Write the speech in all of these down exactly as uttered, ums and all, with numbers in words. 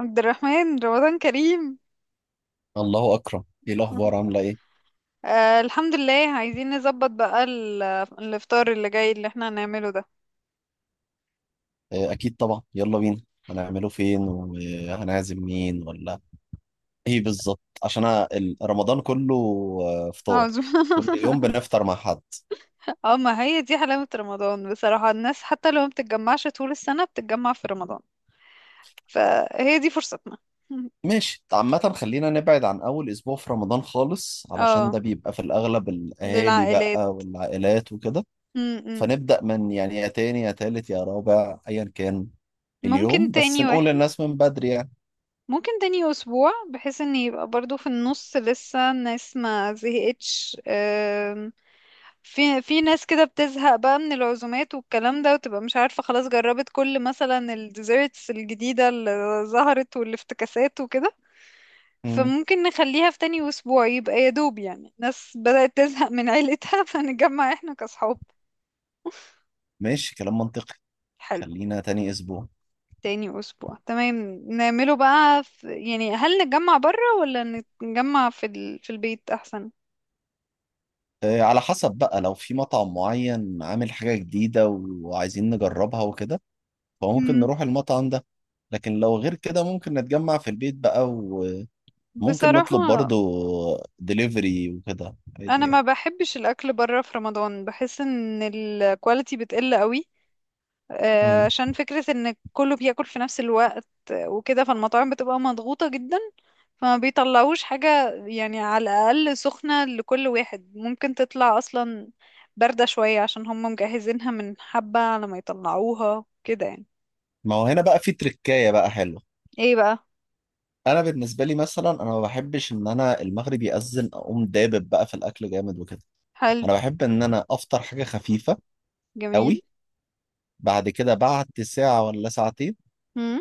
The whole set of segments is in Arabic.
عبد الرحمن رمضان كريم. الله أكرم، إيه الأخبار؟ عاملة إيه؟ آه، الحمد لله. عايزين نظبط بقى ال- الافطار اللي جاي اللي احنا هنعمله ده. آه، أكيد طبعا، يلا بينا. هنعمله فين وهنعزم مين ولا إيه بالظبط؟ عشان أنا ال- رمضان كله آه، فطار، عاوز. كل يوم بنفطر مع حد. اه، ما هي دي حلاوة رمضان بصراحة، الناس حتى لو ما بتتجمعش طول السنة بتتجمع في رمضان، فهي دي فرصتنا. ماشي، عامة خلينا نبعد عن أول أسبوع في رمضان خالص، علشان اه، ده بيبقى في الأغلب الأهالي للعائلات. بقى والعائلات وكده. م -م. فنبدأ من يعني يا تاني يا تالت يا رابع أيا كان ممكن اليوم، بس تاني نقول واحد. للناس من بدري يعني. ممكن تاني اسبوع بحيث ان يبقى برضو في النص لسه الناس ما زهقتش، آم، في في ناس كده بتزهق بقى من العزومات والكلام ده، وتبقى مش عارفة خلاص جربت كل مثلا الديزيرتس الجديدة اللي ظهرت والافتكاسات وكده. مم. فممكن نخليها في تاني أسبوع، يبقى يا دوب يعني الناس بدأت تزهق من عيلتها. فنتجمع احنا كأصحاب. ماشي، كلام منطقي. حلو. خلينا تاني أسبوع. تاني أسبوع، تمام. نعمله بقى في، يعني هل نتجمع برا ولا نتجمع في ال... في البيت أحسن؟ آه، على حسب بقى، لو في مطعم معين عامل حاجة جديدة وعايزين نجربها وكده، فممكن مم. نروح المطعم ده. لكن لو غير كده، ممكن نتجمع في البيت بقى، وممكن نطلب بصراحة، برضو دليفري وكده عادي أنا ما يعني. بحبش الأكل برا في رمضان، بحس إن الكواليتي بتقل قوي، آه، مم. عشان فكرة ان كله بياكل في نفس الوقت وكده، فالمطاعم بتبقى مضغوطة جدا، فما بيطلعوش حاجة يعني على الأقل سخنة لكل واحد، ممكن تطلع أصلا باردة شوية عشان هم مجهزينها من حبة على ما يطلعوها كده يعني. ما هو هنا بقى في تركاية بقى حلوة. ايه بقى؟ أنا بالنسبة لي مثلا، أنا ما بحبش إن أنا المغرب يأذن أقوم دابب بقى في الأكل جامد وكده. حلو. أنا بحب إن أنا أفطر حاجة خفيفة جميل. قوي، بعد كده بعد ساعة ولا ساعتين هم.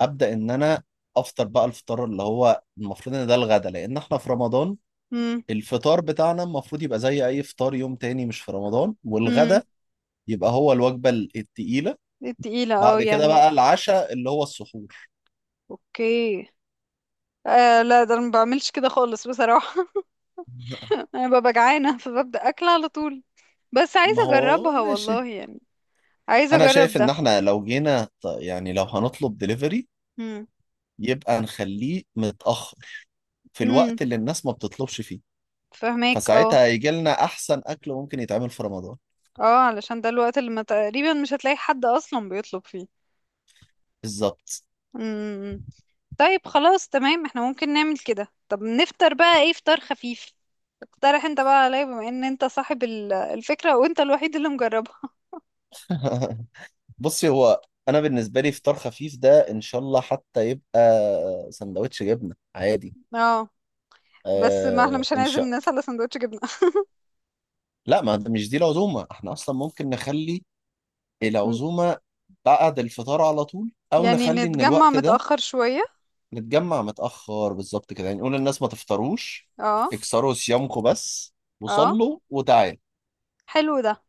ابدا ان انا افطر بقى الفطار، اللي هو المفروض ان ده الغدا، لان احنا في رمضان. هم. الفطار بتاعنا المفروض يبقى زي اي فطار يوم تاني مش في رمضان، والغدا هم. يبقى هو الوجبه ال- التقيله. التقيلة، اه بعد كده يعني. بقى العشاء اللي هو السحور. اوكي. آه، لا، ده انا ما بعملش كده خالص بصراحة. انا ببقى جعانة فببدأ اكل على طول، بس ما عايزة هو اجربها والله ماشي. يعني. عايزة انا اجرب شايف ان ده. احنا لو جينا ط- يعني لو هنطلب دليفري، امم يبقى نخليه متاخر في امم الوقت اللي الناس ما بتطلبش فيه. فهماك، اه. فساعتها هيجي لنا احسن اكل ممكن يتعمل في رمضان. اه، علشان ده الوقت اللي ما تقريبا مش هتلاقي حد اصلا بيطلب فيه. بالظبط. امم طيب، خلاص، تمام، احنا ممكن نعمل كده. طب نفطر بقى ايه، فطار خفيف؟ اقترح انت بقى عليا بما ان انت صاحب ال- الفكرة، وانت الوحيد اللي مجربها. بصي، هو انا بالنسبه لي فطار خفيف ده ان شاء الله حتى يبقى سندوتش جبنه عادي. اه. بس ما احنا آه مش ان هنعزم شاء. الناس على سندوتش جبنة. لا، ما ده مش دي العزومه، احنا اصلا ممكن نخلي م- العزومه بعد الفطار على طول، او يعني نخلي ان نتجمع الوقت ده متأخر شوية. نتجمع متاخر بالظبط كده. يعني نقول للناس ما تفطروش، اه، اكسروا صيامكم بس اه، وصلوا وتعالوا. حلو ده.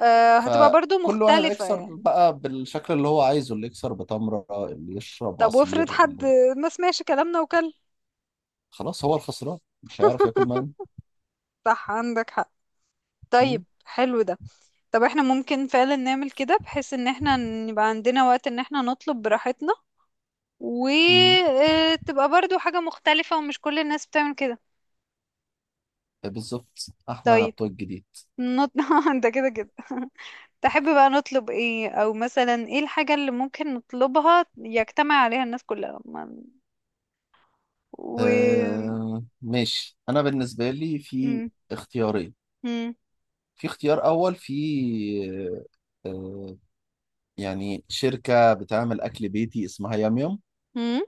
آه، هتبقى برضو فكل واحد مختلفة يكسر يعني. بقى بالشكل اللي هو عايزه، اللي يكسر بتمره، اللي يشرب طب عصير، وافرض حد اللي... ما سمعش كلامنا وكل؟ خلاص، هو الخسران مش هيعرف ياكل معانا. صح، عندك حق. طيب، مم. حلو ده. طب احنا ممكن فعلا نعمل كده، بحيث ان احنا يبقى عندنا وقت ان احنا نطلب براحتنا، مم. وتبقى برضو حاجة مختلفة ومش كل الناس بتعمل كده. بالظبط، احنا طيب بتوع الجديد. نط... انت كده كده. تحب بقى نطلب ايه، او مثلا ايه الحاجة اللي ممكن نطلبها يجتمع عليها الناس كلها ما- و آه ماشي، انا بالنسبه لي في مم. اختيارين. مم. في اختيار اول، في آه آه، يعني شركه بتعمل اكل بيتي اسمها يام يام. مم.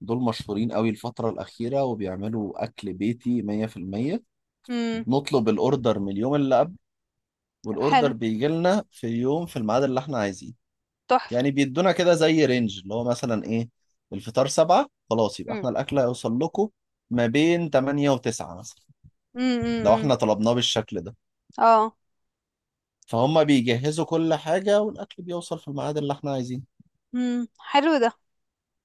دول مشهورين قوي الفتره الاخيره وبيعملوا اكل بيتي مية في المية. مم. بنطلب الاوردر من اليوم اللي قبل، حلو. والاوردر بيجي لنا في اليوم في الميعاد اللي احنا عايزينه. تحفة. يعني بيدونا كده زي رينج اللي هو مثلا ايه، الفطار سبعة، خلاص يبقى مم. احنا الاكل هيوصل لكم ما بين تمانية وتسعة مثلا. مم. لو مم. مم. احنا طلبناه بالشكل ده، اه. فهم بيجهزوا كل حاجة والاكل بيوصل في الميعاد اللي احنا عايزينه. مم. حلو ده.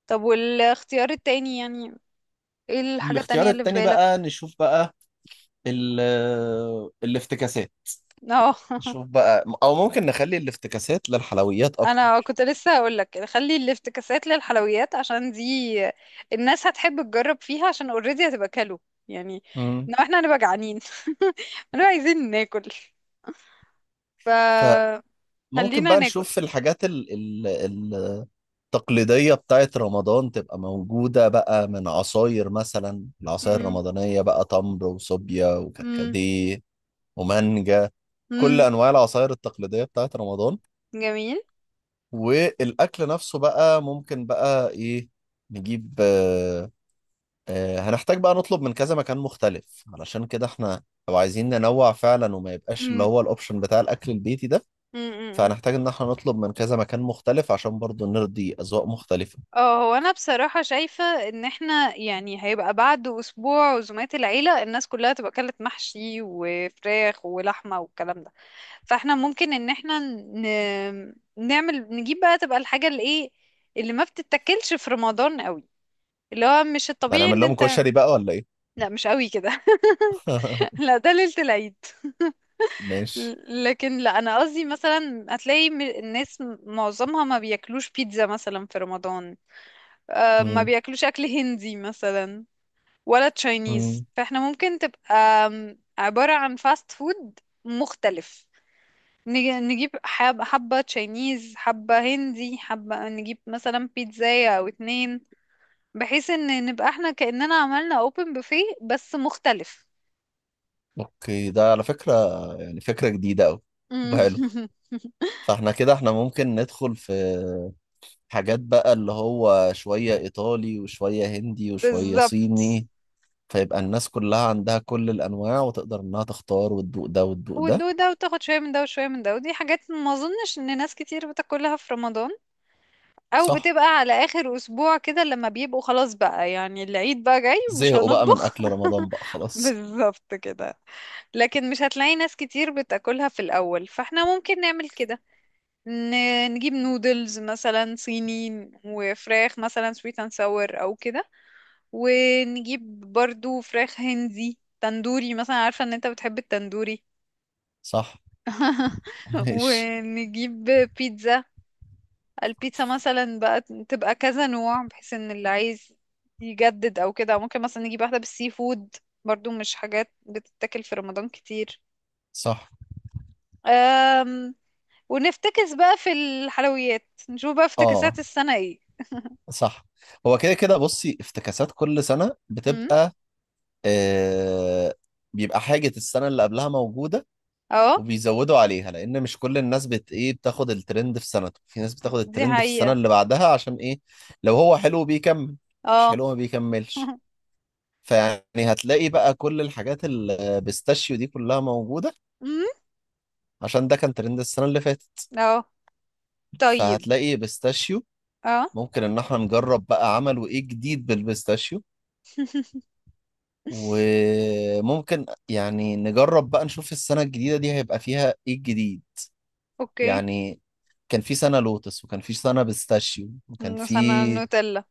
طب والاختيار التاني يعني، ايه الحاجة الاختيار التانية اللي في التاني بالك؟ بقى نشوف بقى ال آه، الافتكاسات. اه. نشوف بقى، او ممكن نخلي الافتكاسات للحلويات انا اكتر. كنت لسه هقولك خلي الافتكاسات للحلويات، عشان دي الناس هتحب تجرب فيها، عشان اوريدي هتبقى كلو يعني، مم. ان احنا هنبقى جعانين. هنبقى عايزين ناكل، فممكن فخلينا بقى ناكل. نشوف الحاجات ال- ال- التقليدية بتاعت رمضان تبقى موجودة بقى، من عصاير مثلا، العصاير امم. الرمضانية بقى، تمر وصوبيا امم. وكركديه ومانجا، كل امم. أنواع العصاير التقليدية بتاعت رمضان. جميل. والأكل نفسه بقى ممكن بقى إيه نجيب، آه آه هنحتاج بقى نطلب من كذا مكان مختلف، علشان كده إحنا لو عايزين ننوع فعلا وما يبقاش اللي هو الأوبشن بتاع الأكل البيتي ده، امم. فهنحتاج إن إحنا نطلب من كذا مكان مختلف عشان برضو نرضي أذواق مختلفة. اه، هو انا بصراحة شايفة ان احنا يعني هيبقى بعد اسبوع عزومات العيلة، الناس كلها تبقى اكلت محشي وفراخ ولحمة والكلام ده. فاحنا ممكن ان احنا ن... نعمل، نجيب بقى، تبقى الحاجة اللي ايه، اللي ما بتتاكلش في رمضان قوي، اللي هو مش ده الطبيعي هنعمل ان لهم انت. كشري بقى ولا إيه؟ لا، مش قوي كده. لا، ده ليلة العيد. ماشي. ل- لكن لا، انا قصدي مثلا هتلاقي م- الناس م- معظمها ما بياكلوش بيتزا مثلا في رمضان، آه، ما مم. بياكلوش اكل هندي مثلا، ولا تشاينيز. مم. فاحنا ممكن تبقى أم، عبارة عن فاست فود مختلف. نج- نجيب حب- حبة تشاينيز، حبة هندي، حبة نجيب مثلا بيتزاية أو اتنين، بحيث ان نبقى احنا كأننا عملنا اوبن بوفيه بس مختلف. اوكي، ده على فكرة يعني فكرة جديدة أوي وحلو. فاحنا كده احنا ممكن ندخل في حاجات بقى، اللي هو شوية إيطالي وشوية هندي وشوية بالظبط. صيني، فيبقى الناس كلها عندها كل الأنواع وتقدر إنها تختار وتدوق ده وتدوق ده. وتدوق ده وتاخد شوية من ده وشوية من ده، ودي حاجات ما اظنش ان ناس كتير بتاكلها في رمضان، او صح. بتبقى على اخر اسبوع كده لما بيبقوا خلاص بقى، يعني العيد بقى جاي ومش زهقوا بقى من هنطبخ. أكل رمضان بقى خلاص. بالظبط كده. لكن مش هتلاقي ناس كتير بتاكلها في الاول، فاحنا ممكن نعمل كده. ن- نجيب نودلز مثلا صيني، وفراخ مثلا سويت اند ساور او كده، ونجيب برضو فراخ هندي تندوري مثلا، عارفة ان انت بتحب التندوري. صح. ماشي. ونجيب بيتزا. البيتزا مثلا بقى تبقى كذا نوع، بحيث ان اللي عايز يجدد او كده ممكن مثلا نجيب واحدة بالسي فود، برضو مش حاجات بتتاكل في رمضان كتير. صح. أم ونفتكس بقى في الحلويات، نشوف بقى اه، افتكاسات السنة ايه. صح. هو كده كده، بصي افتكاسات كل سنة امم. بتبقى آه، بيبقى حاجة السنة اللي قبلها موجودة، اه. وبيزودوا عليها لأن مش كل الناس بت إيه بتاخد الترند في سنته، في ناس بتاخد دي الترند في السنة حقيقة. اللي بعدها، عشان إيه؟ لو هو حلو بيكمل، مش اه. حلو ما بيكملش. فيعني هتلاقي بقى كل الحاجات البيستاشيو دي كلها موجودة، امم. عشان ده كان ترند السنة اللي فاتت. اه، طيب. فهتلاقي بيستاشيو. اه. ممكن إن احنا نجرب بقى عملوا إيه جديد بالبيستاشيو. وممكن يعني نجرب بقى نشوف السنة الجديدة دي هيبقى فيها إيه الجديد. اوكي. يعني كان في سنة لوتس، وكان في سنة بيستاشيو، وكان في سنة نوتيلا.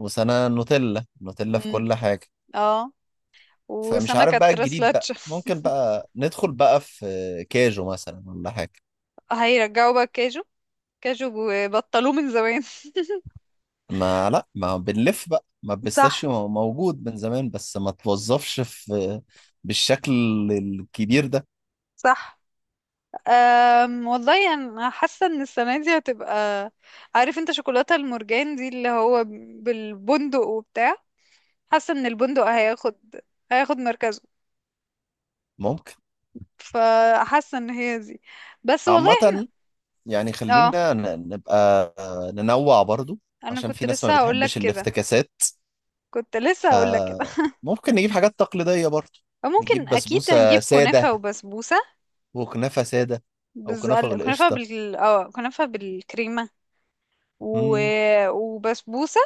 وسنة نوتيلا. نوتيلا في امم. كل حاجة. اه. فمش وسنة عارف بقى كانت الجديد بقى، راسلاتش. ممكن بقى ندخل بقى في كاجو مثلا ولا حاجة. هيرجعوا بقى الكاجو. كاجو بطلوه من زمان. ما لا، ما بنلف بقى، ما صح، البيستاشيو موجود من زمان بس ما توظفش في بالشكل الكبير ده. صح. أم والله انا حاسه ان السنه دي هتبقى، عارف انت شوكولاته المرجان دي اللي هو بالبندق وبتاع، حاسه ان البندق هياخد هياخد مركزه. ممكن. فحاسه ان هي دي. بس والله احنا، عامة يعني اه. خلينا ن- نبقى ننوع برضو، انا عشان كنت في ناس ما لسه هقول لك بتحبش كده، الافتكاسات. كنت لسه هقول لك كده. فممكن نجيب حاجات تقليدية برضه. ممكن نجيب اكيد بسبوسة هنجيب كنافه سادة وبسبوسه. وكنافة سادة أو بز... كنافة كنافه بالقشطة. بال اه كنافه بالكريمه. و... مم، وبسبوسه.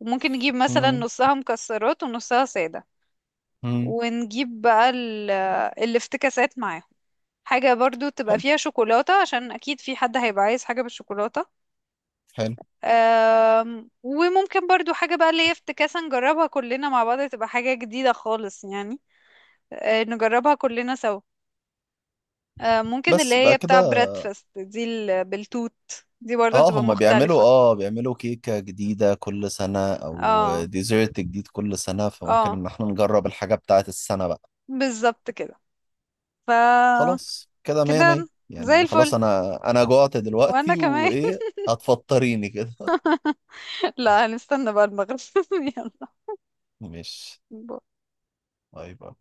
وممكن نجيب مثلا مم، نصها مكسرات ونصها ساده، مم. ونجيب بقى ال- الافتكاسات معاهم، حاجة برضو تبقى حلو، فيها شوكولاتة عشان أكيد في حد هيبقى عايز حاجة بالشوكولاتة. حلو. أم، وممكن برضو حاجة بقى اللي هي افتكاسة نجربها كلنا مع بعض، تبقى حاجة جديدة خالص يعني. أه، نجربها كلنا سوا. أه، ممكن اللي بس يبقى هي كده. بتاع بريدفاست دي ال- بالتوت دي برضو اه، هتبقى هما بيعملوا مختلفة. اه بيعملوا كيكة جديدة كل سنة أو اه، ديزرت جديد كل سنة، فممكن اه، إن احنا نجرب الحاجة بتاعة السنة بقى. بالظبط كده. ف خلاص كده مية مية كده زي يعني، خلاص الفل. أنا أنا جوعت وانا دلوقتي كمان. وإيه. هتفطريني كده. لا، هنستنى بقى المغرب. مش. يلا. طيب.